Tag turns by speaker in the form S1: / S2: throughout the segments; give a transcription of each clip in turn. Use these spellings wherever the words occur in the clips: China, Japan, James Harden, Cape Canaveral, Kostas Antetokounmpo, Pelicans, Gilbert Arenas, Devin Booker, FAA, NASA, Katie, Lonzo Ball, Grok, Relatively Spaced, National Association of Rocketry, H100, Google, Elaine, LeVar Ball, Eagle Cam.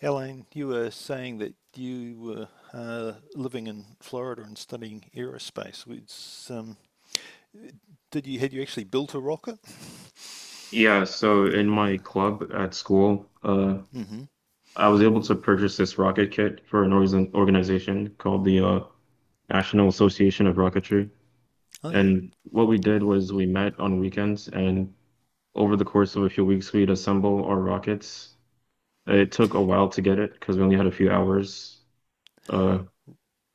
S1: Elaine, you were saying that you were living in Florida and studying aerospace. Um, did you had you actually built a rocket?
S2: Yeah, so in my club at school,
S1: Hmm.
S2: I was able to purchase this rocket kit for an organization called the National Association of Rocketry.
S1: Oh yeah.
S2: And what we did was we met on weekends, and over the course of a few weeks, we'd assemble our rockets. It took a while to get it because we only had a few hours. Uh,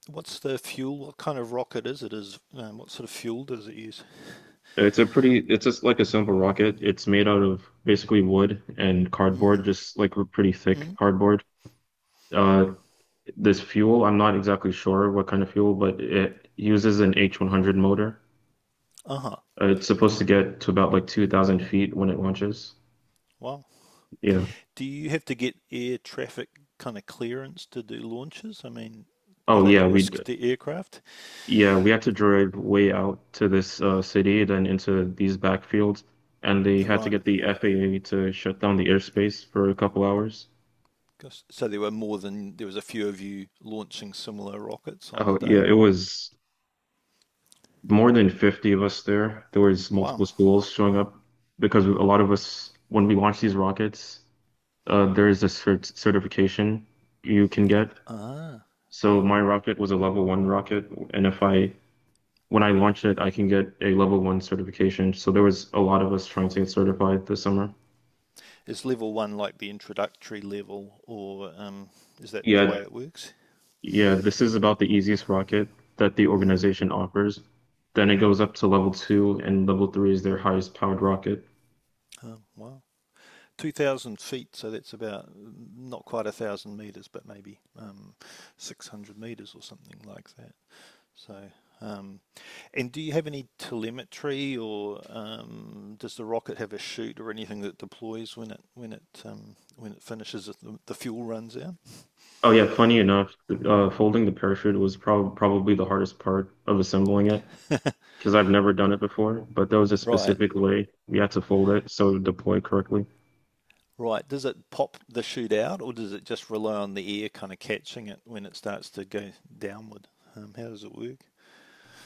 S1: What's the fuel? What kind of rocket is it? Is What sort of fuel does it use?
S2: it's a it's just like a simple rocket. It's made out of basically wood and cardboard,
S1: Hmm.
S2: just like pretty thick
S1: Mm.
S2: cardboard. Uh, This fuel, I'm not exactly sure what kind of fuel, but it uses an H100 motor.
S1: Uh huh.
S2: It's supposed to get to about like 2,000 feet when it launches.
S1: Wow.
S2: Yeah.
S1: Do you have to get air traffic kind of clearance to do launches? I mean, are
S2: Oh
S1: they a
S2: yeah,
S1: risk to aircraft?
S2: yeah, we had to drive way out to this city, then into these backfields, and they had to
S1: Right.
S2: get the FAA to shut down the airspace for a couple hours.
S1: So there were more than there was a few of you launching similar rockets on
S2: Oh
S1: the
S2: yeah,
S1: day.
S2: it was more than 50 of us there. There was
S1: Wow.
S2: multiple schools showing up because a lot of us, when we launched these rockets, there is a certification you can get.
S1: Ah.
S2: So my rocket was a level one rocket, and if I when I launch it, I can get a level one certification. So there was a lot of us trying to get certified this summer.
S1: Is level one like the introductory level, or is that the way
S2: Yeah,
S1: it works?
S2: yeah, this is about the easiest rocket that the organization offers. Then it goes up to level two, and level three is their highest powered rocket.
S1: Wow. 2,000 feet, so that's about not quite a thousand meters, but maybe 600 meters or something like that. So, um, and do you have any telemetry, or does the rocket have a chute or anything that deploys when it finishes the fuel runs out?
S2: Oh yeah, funny enough, folding the parachute was probably the hardest part of assembling it, because I've never done it before, but there was a
S1: Right.
S2: specific way we had to fold it so it would deploy correctly.
S1: Right. Does it pop the shoot out, or does it just rely on the air kind of catching it when it starts to go downward? How does it work?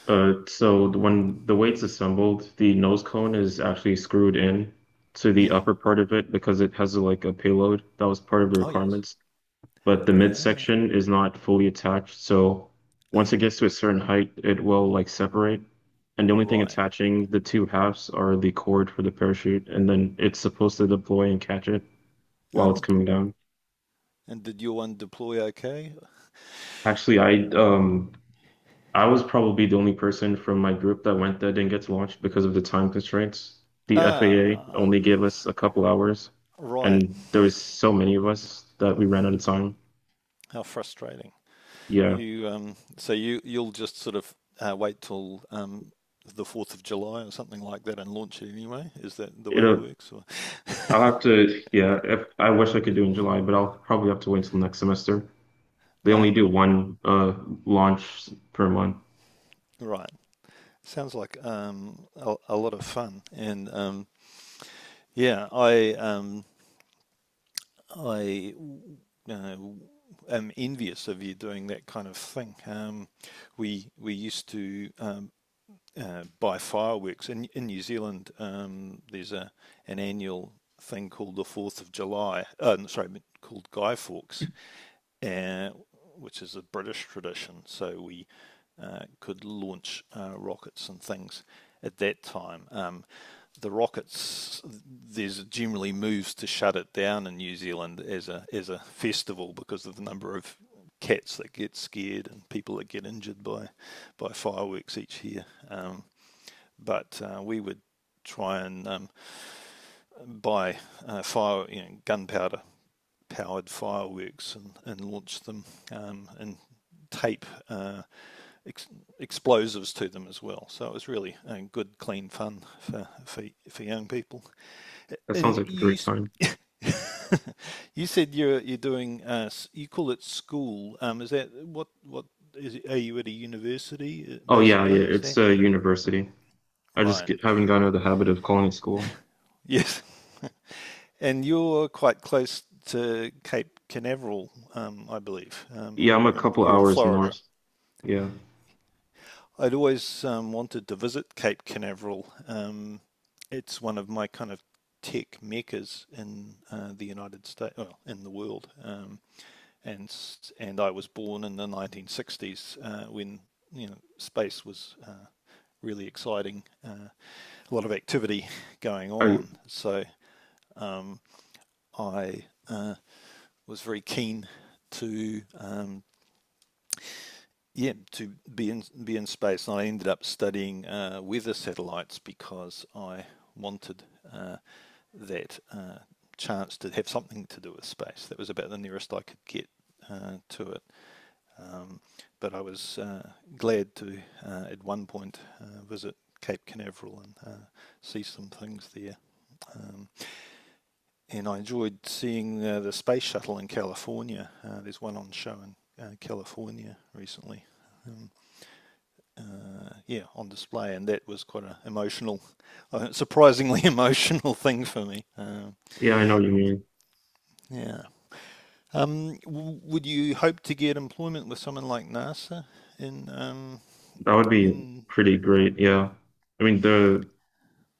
S2: When the weight's assembled, the nose cone is actually screwed in to the
S1: Hmm.
S2: upper part of it because it has like a payload that was part of the
S1: Oh, yes.
S2: requirements. But the
S1: Ah,
S2: midsection is not fully attached, so once it
S1: ah,
S2: gets to a certain height, it will like separate. And the only thing
S1: right.
S2: attaching the two halves are the cord for the parachute, and then it's supposed to deploy and catch it while it's
S1: Uh-huh.
S2: coming down.
S1: And did your one deploy okay?
S2: Actually, I was probably the only person from my group that went that didn't get to launch because of the time constraints. The FAA
S1: Ah,
S2: only gave us a couple hours,
S1: right.
S2: and there was so many of us that we ran out of time.
S1: How frustrating.
S2: Yeah,
S1: You so you you'll just sort of wait till the Fourth of July or something like that and launch it anyway. Is that the way it
S2: it'll.
S1: works? Or
S2: I'll have to. Yeah, if I wish I could do in July, but I'll probably have to wait until next semester. They only
S1: uh,
S2: do one launch per month.
S1: right. Sounds like a lot of fun, and Yeah, I uh, am envious of you doing that kind of thing. We used to buy fireworks in New Zealand. There's a an annual thing called the Fourth of July. No, sorry, called Guy Fawkes, uh, which is a British tradition. So we could launch rockets and things at that time. The rockets, there's generally moves to shut it down in New Zealand as a festival because of the number of cats that get scared and people that get injured by fireworks each year. But we would try and buy fire, you know, gunpowder powered fireworks and launch them and tape ex- explosives to them as well. So it was really good, clean fun for young people.
S2: That sounds
S1: And
S2: like a
S1: you
S2: great time.
S1: you said you call it school. Is that what is it, are you at a university
S2: Oh yeah, yeah.
S1: basically? Is
S2: It's
S1: that
S2: a university. I just
S1: right?
S2: get, haven't gotten out of the habit of calling it school.
S1: Yes. And you're quite close to Cape Canaveral, I believe,
S2: Yeah,
S1: or
S2: I'm a couple
S1: you're in
S2: hours
S1: Florida.
S2: north. Yeah.
S1: I'd always wanted to visit Cape Canaveral. It's one of my kind of tech meccas in the United States, well, in the world. And and I was born in the 1960s when you know space was really exciting, a lot of activity going
S2: I,
S1: on. So I was very keen to yeah to be in space. And I ended up studying weather satellites because I wanted uh, that chance to have something to do with space. That was about the nearest I could get to it. But I was glad to at one point visit Cape Canaveral and see some things there. Um, and I enjoyed seeing the space shuttle in California. There's one on show in California recently. Um, yeah, on display, and that was quite an emotional, surprisingly emotional thing for me. Um,
S2: yeah, I know what you mean.
S1: yeah. Would you hope to get employment with someone like NASA in
S2: That would be
S1: in?
S2: pretty great. Yeah. I mean, the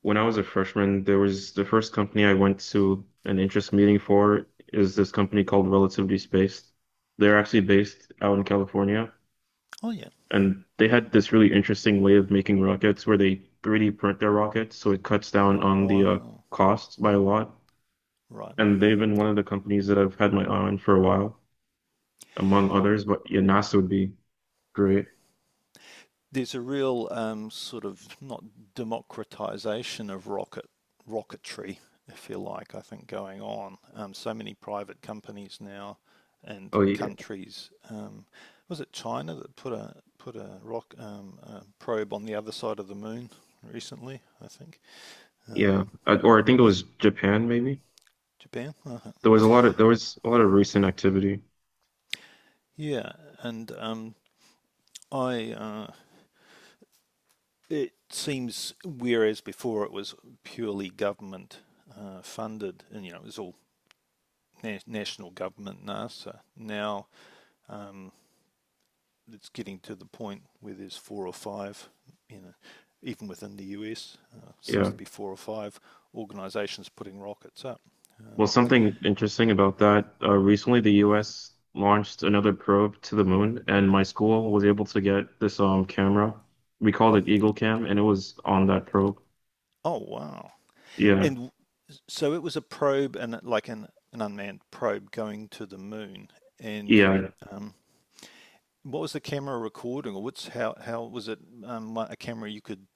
S2: when I was a freshman, there was the first company I went to an interest meeting for is this company called Relatively Spaced. They're actually based out in California,
S1: Oh yeah.
S2: and they had this really interesting way of making rockets where they 3D print their rockets, so it cuts down on the
S1: Wow.
S2: costs by a lot.
S1: Right.
S2: And they've been one of the companies that I've had my eye on for a while, among others. But yeah, NASA would be great.
S1: There's a real sort of not democratization of rocketry, if you like, I think going on. So many private companies now and
S2: Oh yeah,
S1: countries. Was it China that put a probe on the other side of the moon recently? I think
S2: yeah.
S1: um,
S2: Or I think it was Japan, maybe.
S1: Japan. Uh-huh.
S2: There was a lot of there was a lot of recent activity.
S1: Yeah, and I It seems whereas before it was purely government funded, and you know it was all national government NASA now um, it's getting to the point where there's four or five, you know, even within the US, seems
S2: Yeah.
S1: to be four or five organisations putting rockets up.
S2: Well,
S1: Um,
S2: something interesting about that, recently the US launched another probe to the moon, and my school was able to get this camera. We called it Eagle Cam, and it was on that probe.
S1: oh wow!
S2: Yeah.
S1: And so it was a probe and like an unmanned probe going to the moon. And
S2: Yeah.
S1: um, what was the camera recording, or what's how was it like, a camera you could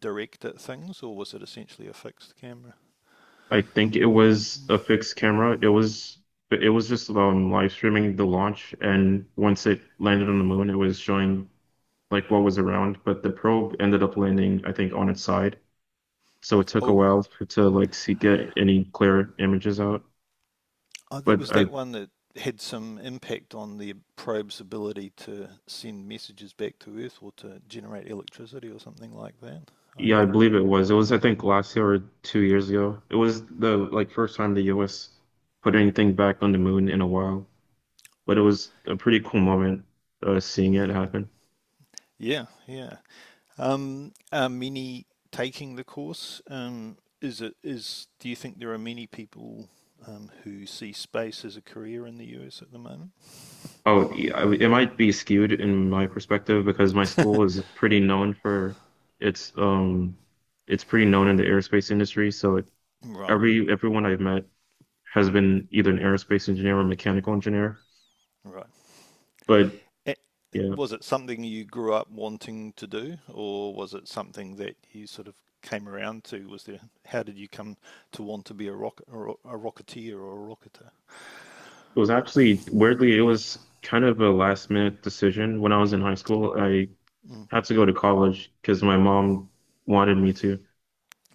S1: direct at things, or was it essentially a fixed camera?
S2: I think it was a fixed camera. It was just live streaming the launch, and once it landed on the moon, it was showing like what was around, but the probe ended up landing, I think, on its side. So it took a
S1: Oh,
S2: while for to like see get any clear images out.
S1: Oh, that
S2: But
S1: was
S2: I
S1: that one that had some impact on the probe's ability to send messages back to Earth or to generate electricity or something like that. I
S2: Yeah, I
S1: have,
S2: believe it was. It was I think last year or 2 years ago. It was the like first time the US put anything back on the moon in a while. But it was a pretty cool moment seeing it happen.
S1: yeah, yeah. Are many taking the course? Is it is? Do you think there are many people who see space as a career in the US at the moment?
S2: Oh, yeah, I- it might be skewed in my perspective because my school is pretty known for its it's pretty known in the aerospace industry. So it,
S1: Right,
S2: everyone I've met has been either an aerospace engineer or mechanical engineer.
S1: right.
S2: But
S1: Eh,
S2: yeah.
S1: was it something you grew up wanting to do, or was it something that you sort of came around to? How did you come to want to be a rocketeer or a rocketer?
S2: It was actually weirdly, it was kind of a last minute decision when I was in high school. I
S1: Hmm.
S2: had to go to college because my mom wanted me to.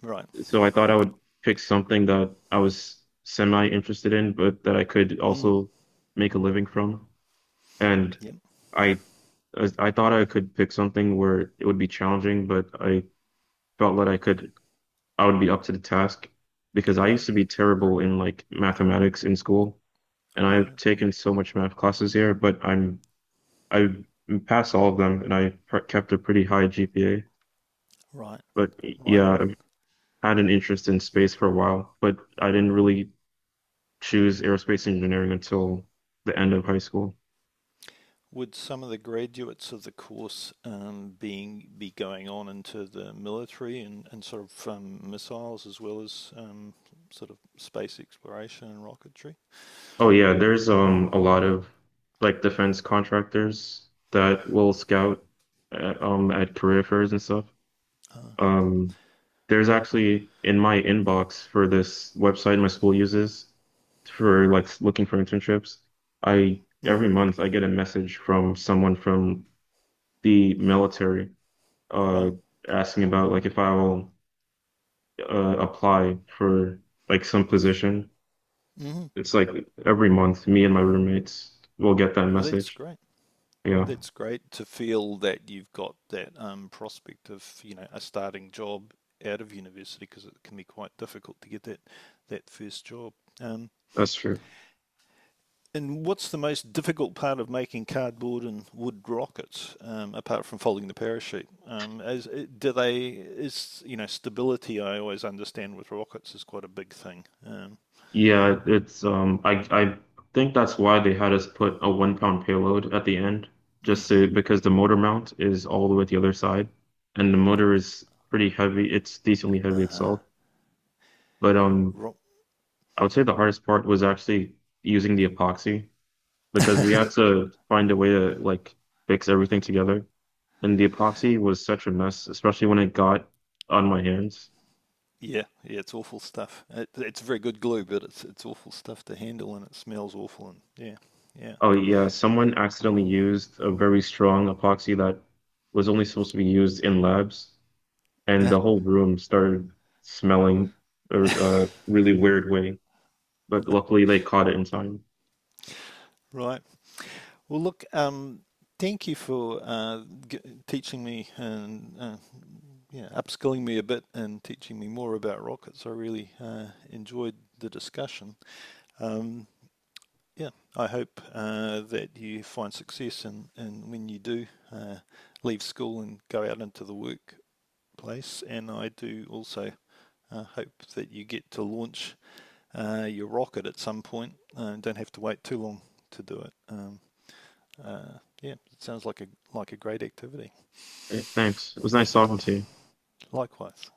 S1: Right.
S2: So I thought I would pick something that I was semi interested in, but that I could
S1: Mm.
S2: also make a living from. And
S1: Yep.
S2: I I thought I could pick something where it would be challenging, but I felt that I would be up to the task because I
S1: Right.
S2: used to be terrible in like mathematics in school, and I've
S1: Right.
S2: taken so much math classes here, but I'm I passed all of them, and I pr kept a pretty high GPA.
S1: Right.
S2: But
S1: Right.
S2: yeah, I've had an interest in space for a while, but I didn't really choose aerospace engineering until the end of high school.
S1: Would some of the graduates of the course being be going on into the military and sort of missiles as well as sort of space exploration and rocketry?
S2: Oh yeah, there's a lot of like defense contractors that will scout at career fairs and stuff.
S1: Uh-huh.
S2: Um, there's actually in my inbox for this website my school uses for looking for internships. I Every
S1: Hmm.
S2: month I get a message from someone from the military uh
S1: Right.
S2: asking about like if I will apply for like some position.
S1: Mhm.
S2: It's like every month me and my roommates will get that
S1: Well, that's
S2: message.
S1: great.
S2: Yeah,
S1: That's great to feel that you've got that prospect of, you know, a starting job out of university because it can be quite difficult to get that first job. Um,
S2: that's true.
S1: and what's the most difficult part of making cardboard and wood rockets, apart from folding the parachute? As do they is you know stability? I always understand with rockets is quite a big thing.
S2: Yeah, it's I think that's why they had us put a 1 pound payload at the end, just
S1: Hmm.
S2: to because the motor mount is all the way at the other side and the motor is pretty heavy. It's decently heavy
S1: Uh-huh.
S2: itself. But
S1: Ro-
S2: I would say the hardest part was actually using the epoxy because we had to find a way to like fix everything together. And the epoxy was such a mess, especially when it got on my hands.
S1: yeah, yeah, it's awful stuff. It's very good glue, but it's awful stuff to handle, and it smells awful. And yeah, yeah,
S2: Oh yeah, someone accidentally used a very strong epoxy that was only supposed to be used in labs, and
S1: ah,
S2: the whole room started smelling a really weird way. But luckily, they caught it in time.
S1: right. Well, look, thank you for teaching me and yeah, upskilling me a bit and teaching me more about rockets. I really enjoyed the discussion. Um, yeah, I hope that you find success, and when you do, leave school and go out into the workplace. And I do also hope that you get to launch your rocket at some point, and don't have to wait too long to do it. Yeah, it sounds like a great activity.
S2: Eh, thanks. It was nice talking to you.
S1: Likewise.